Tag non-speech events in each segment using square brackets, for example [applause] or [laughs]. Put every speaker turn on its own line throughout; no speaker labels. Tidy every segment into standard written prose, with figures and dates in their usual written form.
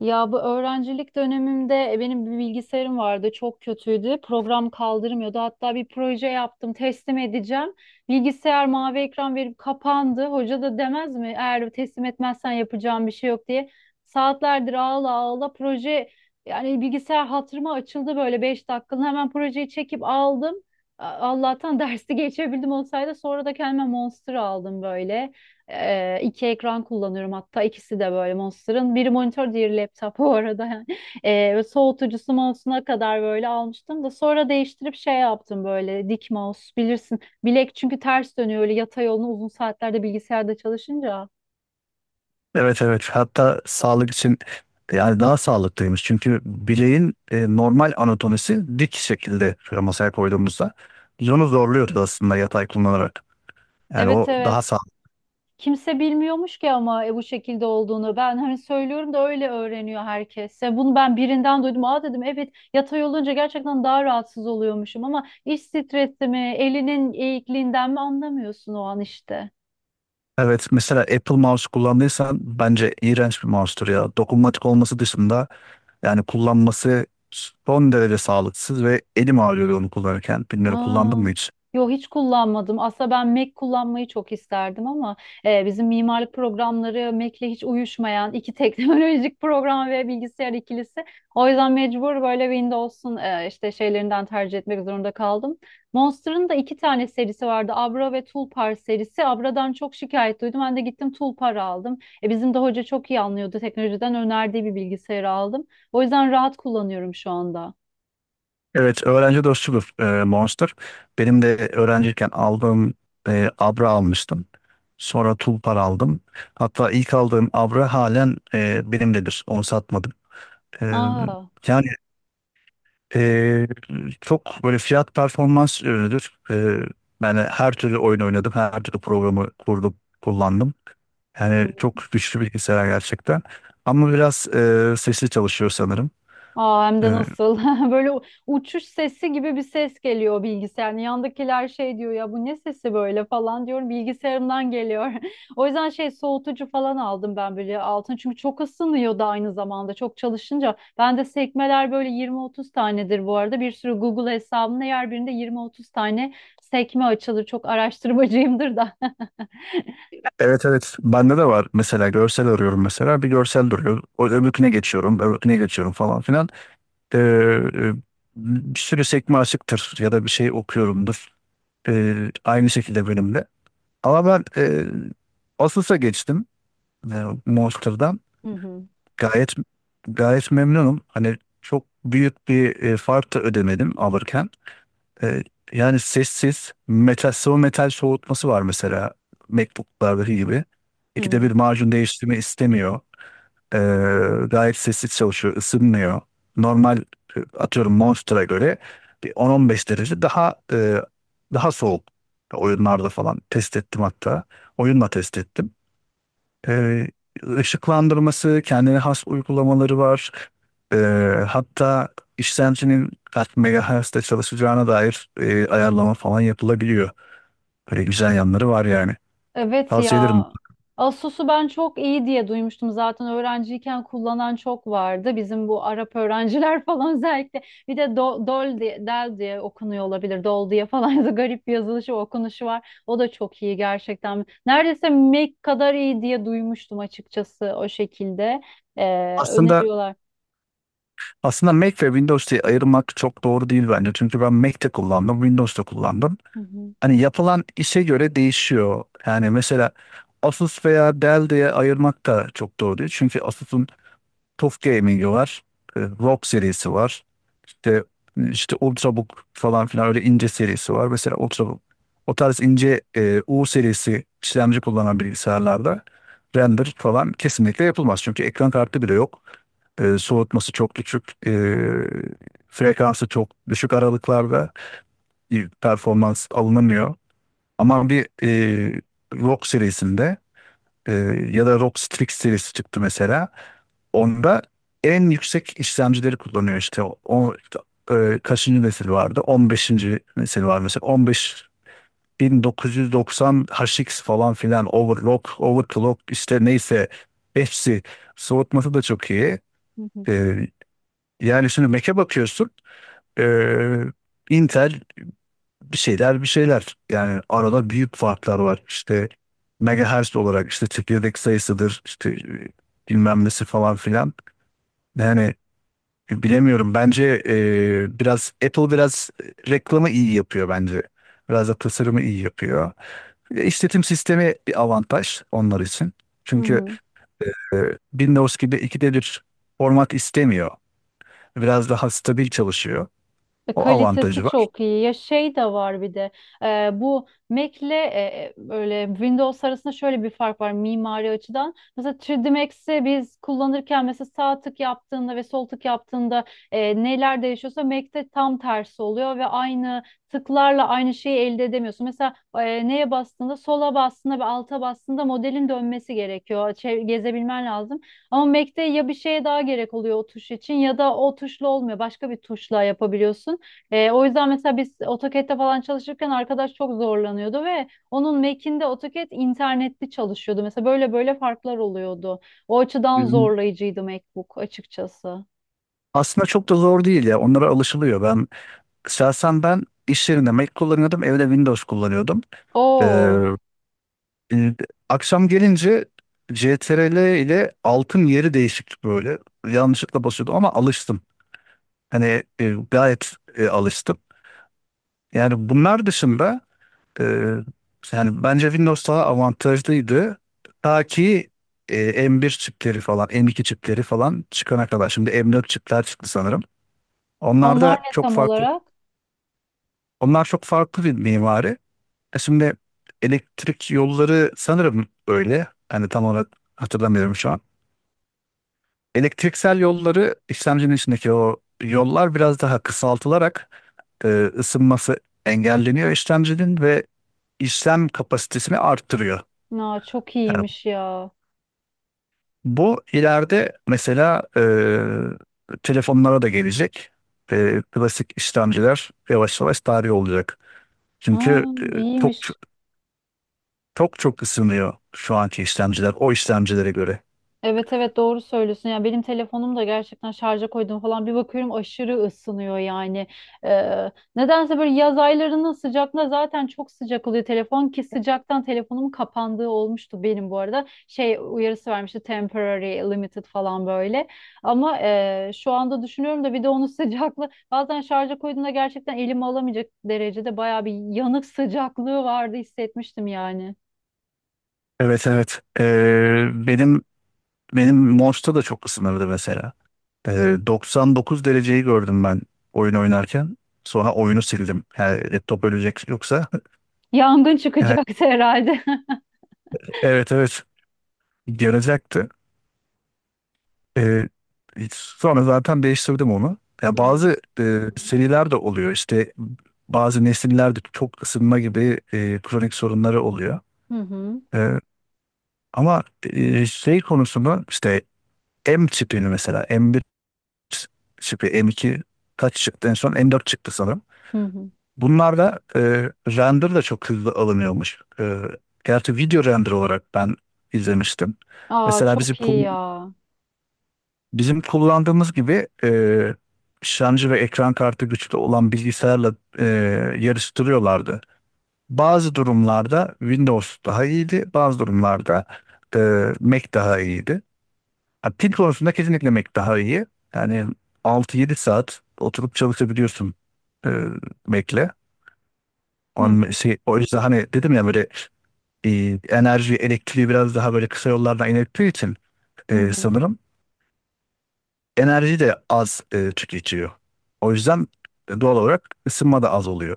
Ya bu öğrencilik dönemimde benim bir bilgisayarım vardı, çok kötüydü. Program kaldırmıyordu. Hatta bir proje yaptım, teslim edeceğim. Bilgisayar mavi ekran verip kapandı. Hoca da demez mi eğer teslim etmezsen yapacağım bir şey yok diye. Saatlerdir ağla ağla proje, yani bilgisayar hatırıma açıldı böyle, 5 dakikalığına hemen projeyi çekip aldım. Allah'tan [laughs] dersi geçebildim, olsaydı sonra da kendime Monster aldım böyle. İki ekran kullanıyorum, hatta ikisi de böyle Monster'ın. Biri monitör, diğeri laptop bu arada. [laughs] Yani. Ve soğutucusu mouse'una kadar böyle almıştım da sonra değiştirip şey yaptım, böyle dik mouse, bilirsin. Bilek çünkü ters dönüyor öyle, yatay yolunu uzun saatlerde bilgisayarda çalışınca.
Evet evet, hatta sağlık için yani daha sağlıklıymış. Çünkü bileğin normal anatomisi, dik şekilde şöyle masaya koyduğumuzda biz onu zorluyoruz aslında yatay kullanarak. Yani
Evet
o daha
evet.
sağlıklı.
Kimse bilmiyormuş ki ama bu şekilde olduğunu. Ben hani söylüyorum da öyle öğreniyor herkes. Ya bunu ben birinden duydum. Aa dedim, evet yatay olunca gerçekten daha rahatsız oluyormuşum, ama iş stresi mi, elinin eğikliğinden mi anlamıyorsun o an işte.
Evet, mesela Apple Mouse kullandıysan bence iğrenç bir mouse'tur ya. Dokunmatik olması dışında yani kullanması son derece sağlıksız ve elim ağrıyordu onu kullanırken. Bilmiyorum, kullandım
Aa,
mı hiç?
yo hiç kullanmadım. Aslında ben Mac kullanmayı çok isterdim ama bizim mimarlık programları Mac'le hiç uyuşmayan iki [laughs] teknolojik program ve bilgisayar ikilisi. O yüzden mecbur böyle Windows'un işte şeylerinden tercih etmek zorunda kaldım. Monster'ın da iki tane serisi vardı. Abra ve Tulpar serisi. Abra'dan çok şikayet duydum. Ben de gittim Tulpar aldım. E, bizim de hoca çok iyi anlıyordu. Teknolojiden önerdiği bir bilgisayarı aldım. O yüzden rahat kullanıyorum şu anda.
Evet, öğrenci dostudur Monster. Benim de öğrenciyken aldığım Abra almıştım. Sonra Tulpar aldım. Hatta ilk aldığım Abra halen benimdedir. Onu satmadım. E,
Aa.
yani e, çok böyle fiyat performans ürünüdür. Ben her türlü oyun oynadım. Her türlü programı kurdum, kullandım. Yani
Hı.
çok güçlü bilgisayar gerçekten. Ama biraz sesli çalışıyor sanırım.
Aa, hem
E,
de nasıl? [laughs] Böyle uçuş sesi gibi bir ses geliyor o bilgisayarın. Yandakiler şey diyor ya, bu ne sesi böyle falan diyorum. Bilgisayarımdan geliyor. [laughs] O yüzden şey, soğutucu falan aldım ben böyle altın. Çünkü çok ısınıyor da aynı zamanda çok çalışınca. Bende sekmeler böyle 20-30 tanedir bu arada. Bir sürü Google hesabımda yer, birinde 20-30 tane sekme açılır. Çok araştırmacıyımdır da.
Evet evet, bende de var. Mesela görsel arıyorum, mesela bir görsel duruyor, o öbürküne geçiyorum, öbürküne geçiyorum falan filan. Ee, e, bir sürü sekme açıktır ya da bir şey okuyorumdur. Aynı şekilde benim de, ama ben Asus'a geçtim e, Monster'dan.
[laughs] Hı hı.
Gayet gayet memnunum, hani çok büyük bir fark da ödemedim alırken. e, yani sessiz metal, sıvı metal soğutması var mesela, MacBook'lardaki gibi.
Hı
İkide bir
hı.
macun değiştirme istemiyor. E, gayet sessiz çalışıyor, ısınmıyor. Normal, atıyorum Monster'a göre bir 10-15 derece daha daha soğuk. Oyunlarda falan test ettim hatta. Oyunla test ettim. Ee, ışıklandırması, kendine has uygulamaları var. Ee, hatta işlemcinin kaç megahertz'te çalışacağına dair ayarlama falan yapılabiliyor. Böyle güzel yanları var yani.
Evet
Tavsiye ederim.
ya. Asus'u ben çok iyi diye duymuştum, zaten öğrenciyken kullanan çok vardı. Bizim bu Arap öğrenciler [laughs] falan özellikle. Bir de Dol diye, Del diye okunuyor olabilir. Dol diye falan [laughs] da garip bir yazılışı okunuşu var. O da çok iyi gerçekten. Neredeyse Mac kadar iyi diye duymuştum açıkçası, o şekilde.
Aslında
Öneriyorlar.
Aslında Mac ve Windows diye ayırmak çok doğru değil bence. Çünkü ben Mac'te kullandım, Windows'ta kullandım.
Hı hı,
Hani yapılan işe göre değişiyor. Yani mesela Asus veya Dell diye ayırmak da çok doğru değil. Çünkü Asus'un TUF Gaming'i var, ROG serisi var. İşte, işte Ultrabook falan filan, öyle ince serisi var. Mesela Ultrabook. O tarz ince U serisi işlemci kullanan bilgisayarlarda render falan kesinlikle yapılmaz. Çünkü ekran kartı bile yok. Soğutması çok düşük. Frekansı çok düşük aralıklarda performans alınamıyor. Ama bir ROG serisinde, e, ya da ROG Strix serisi çıktı mesela. Onda en yüksek işlemcileri kullanıyor işte. Kaçıncı nesil vardı? 15. nesil var mesela. 15 1990 HX falan filan, overclock, işte neyse, hepsi soğutması da çok iyi.
hı hı,
E, yani şimdi Mac'e bakıyorsun, e, Intel, bir şeyler bir şeyler, yani arada büyük farklar var işte, megahertz olarak, işte çekirdek sayısıdır, işte bilmem nesi falan filan. Yani bilemiyorum. Bence biraz Apple, biraz reklamı iyi yapıyor bence. Biraz da tasarımı iyi yapıyor. İşletim sistemi bir avantaj onlar için.
hı
Çünkü
hı.
e, Windows gibi ikide bir format istemiyor. Biraz daha stabil çalışıyor.
E,
O avantajı
kalitesi
var.
çok iyi. Ya şey de var bir de bu Mac'le böyle Windows arasında şöyle bir fark var mimari açıdan. Mesela 3D Max'i biz kullanırken mesela sağ tık yaptığında ve sol tık yaptığında neler değişiyorsa Mac'te tam tersi oluyor ve aynı tıklarla aynı şeyi elde edemiyorsun. Mesela neye bastığında, sola bastığında ve alta bastığında modelin dönmesi gerekiyor. Gezebilmen lazım. Ama Mac'te ya bir şeye daha gerek oluyor o tuş için, ya da o tuşla olmuyor. Başka bir tuşla yapabiliyorsun. E, o yüzden mesela biz AutoCAD'de falan çalışırken arkadaş çok zorlanıyordu ve onun Mac'inde AutoCAD internetli çalışıyordu. Mesela böyle böyle farklar oluyordu. O açıdan
Hmm.
zorlayıcıydı MacBook açıkçası.
Aslında çok da zor değil ya. Onlara alışılıyor. Şahsen ben iş yerinde Mac kullanıyordum. Evde Windows kullanıyordum. E,
Oo,
E, akşam gelince CTRL ile altın yeri değişikti böyle. Yanlışlıkla basıyordum ama alıştım. Hani gayet alıştım. Yani bunlar dışında e, yani bence Windows daha avantajlıydı. Ta ki M1 çipleri falan, M2 çipleri falan çıkana kadar. Şimdi M4 çipler çıktı sanırım. Onlar
onlar
da
ne
çok
tam
farklı.
olarak?
Onlar çok farklı bir mimari. E şimdi elektrik yolları sanırım öyle. Hani tam olarak hatırlamıyorum şu an. Elektriksel yolları, işlemcinin içindeki o yollar biraz daha kısaltılarak e, ısınması engelleniyor işlemcinin ve işlem kapasitesini arttırıyor.
Aa, çok
Yani
iyiymiş ya.
bu ileride mesela telefonlara da gelecek. Klasik işlemciler yavaş yavaş tarih olacak. Çünkü
Aa,
çok
iyiymiş.
çok ısınıyor şu anki işlemciler o işlemcilere göre.
Evet evet, doğru söylüyorsun. Ya benim telefonum da gerçekten, şarja koydum falan bir bakıyorum aşırı ısınıyor yani. Ee, nedense böyle yaz aylarının sıcaklığı zaten çok sıcak oluyor telefon, ki sıcaktan telefonumun kapandığı olmuştu benim bu arada. Şey, uyarısı vermişti, temporary limited falan böyle. Ama şu anda düşünüyorum da bir de onun [laughs] sıcaklığı bazen, şarja koyduğumda gerçekten elimi alamayacak derecede bayağı bir yanık sıcaklığı vardı, hissetmiştim yani.
Evet evet. Benim Monster da çok ısınırdı mesela. 99 dereceyi gördüm ben oyun oynarken. Sonra oyunu sildim. Yani laptop ölecek yoksa. [laughs]
Yangın
Yani
çıkacaktı herhalde. [laughs]
evet evet, gelecekti. Ee, sonra zaten değiştirdim onu. Ya
Hı hı.
bazı seriler de oluyor. İşte bazı nesillerde çok ısınma gibi kronik sorunları oluyor.
Hı hı.
Ee, ama şey konusunu işte M tipini mesela, M1 tipi, M2, kaç çıktı en son, M4 çıktı sanırım.
Hı hı.
Bunlarda render de çok hızlı alınıyormuş. Gerçi video render olarak ben izlemiştim.
Aa,
Mesela
çok iyi ya.
bizim kullandığımız gibi işlemci ve ekran kartı güçlü olan bilgisayarla yarıştırıyorlardı. Bazı durumlarda Windows daha iyiydi, bazı durumlarda e, Mac daha iyiydi. Ha, pil konusunda kesinlikle Mac daha iyi. Yani 6-7 saat oturup çalışabiliyorsun e, Mac'le.
Hı
On,
hı.
şey, o yüzden hani dedim ya, böyle enerji, elektriği biraz daha böyle kısa yollardan inerttiği için
Hı hı.
sanırım enerji de az tüketiyor. O yüzden doğal olarak ısınma da az oluyor.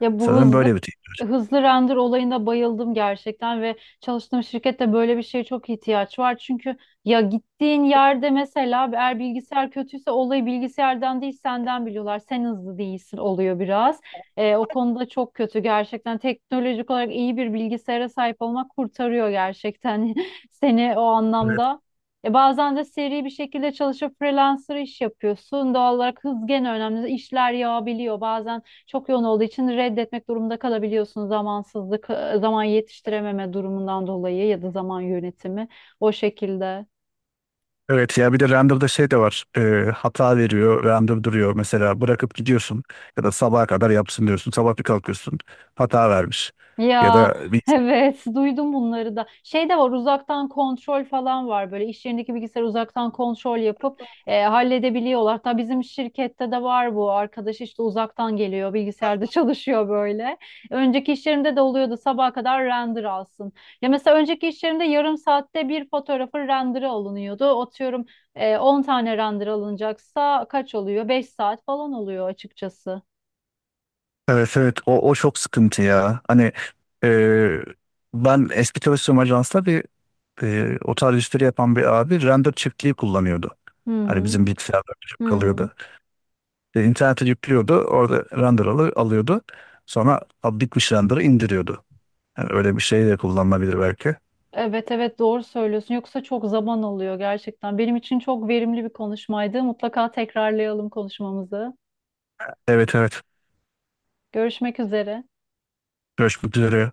Ya bu
Sanırım
hızlı
böyle bir teknoloji.
Hızlı render olayına bayıldım gerçekten ve çalıştığım şirkette böyle bir şeye çok ihtiyaç var. Çünkü ya gittiğin yerde mesela eğer bilgisayar kötüyse olayı bilgisayardan değil senden biliyorlar. Sen hızlı değilsin oluyor biraz. O konuda çok kötü gerçekten. Teknolojik olarak iyi bir bilgisayara sahip olmak kurtarıyor gerçekten [laughs] seni o
Evet.
anlamda. E bazen de seri bir şekilde çalışıp freelancer iş yapıyorsun. Doğal olarak hız gene önemli. İşler yağabiliyor. Bazen çok yoğun olduğu için reddetmek durumunda kalabiliyorsun, zamansızlık, zaman yetiştirememe durumundan dolayı ya da zaman yönetimi, o şekilde.
Evet ya, bir de render'da şey de var. Hata veriyor, render duruyor. Mesela bırakıp gidiyorsun ya da sabaha kadar yapsın diyorsun. Sabah bir kalkıyorsun, hata vermiş. Ya
Ya
da bir...
[laughs] evet, duydum bunları da. Şey de var, uzaktan kontrol falan var. Böyle iş yerindeki bilgisayar uzaktan kontrol yapıp halledebiliyorlar. Hatta bizim şirkette de var bu. Arkadaş işte uzaktan geliyor, bilgisayarda [laughs] çalışıyor böyle. Önceki iş yerimde de oluyordu, sabaha kadar render alsın. Ya mesela önceki iş yerimde yarım saatte bir fotoğrafın renderı alınıyordu. Atıyorum 10 tane render alınacaksa kaç oluyor? 5 saat falan oluyor açıkçası.
Evet evet, o çok sıkıntı ya. Hani e, ben eski çalıştığım ajansta bir o tarz işleri yapan bir abi render çiftliği kullanıyordu.
Hı
Hani
hı.
bizim bilgisayarda çok
Hı hı.
kalıyordu. E, internete yüklüyordu. Orada alıyordu. Sonra "Aa, bitmiş," render'ı indiriyordu. Yani öyle bir şey de kullanılabilir belki.
Evet evet, doğru söylüyorsun. Yoksa çok zaman alıyor gerçekten. Benim için çok verimli bir konuşmaydı. Mutlaka tekrarlayalım konuşmamızı.
Evet evet.
Görüşmek üzere.
Görüşmek üzere.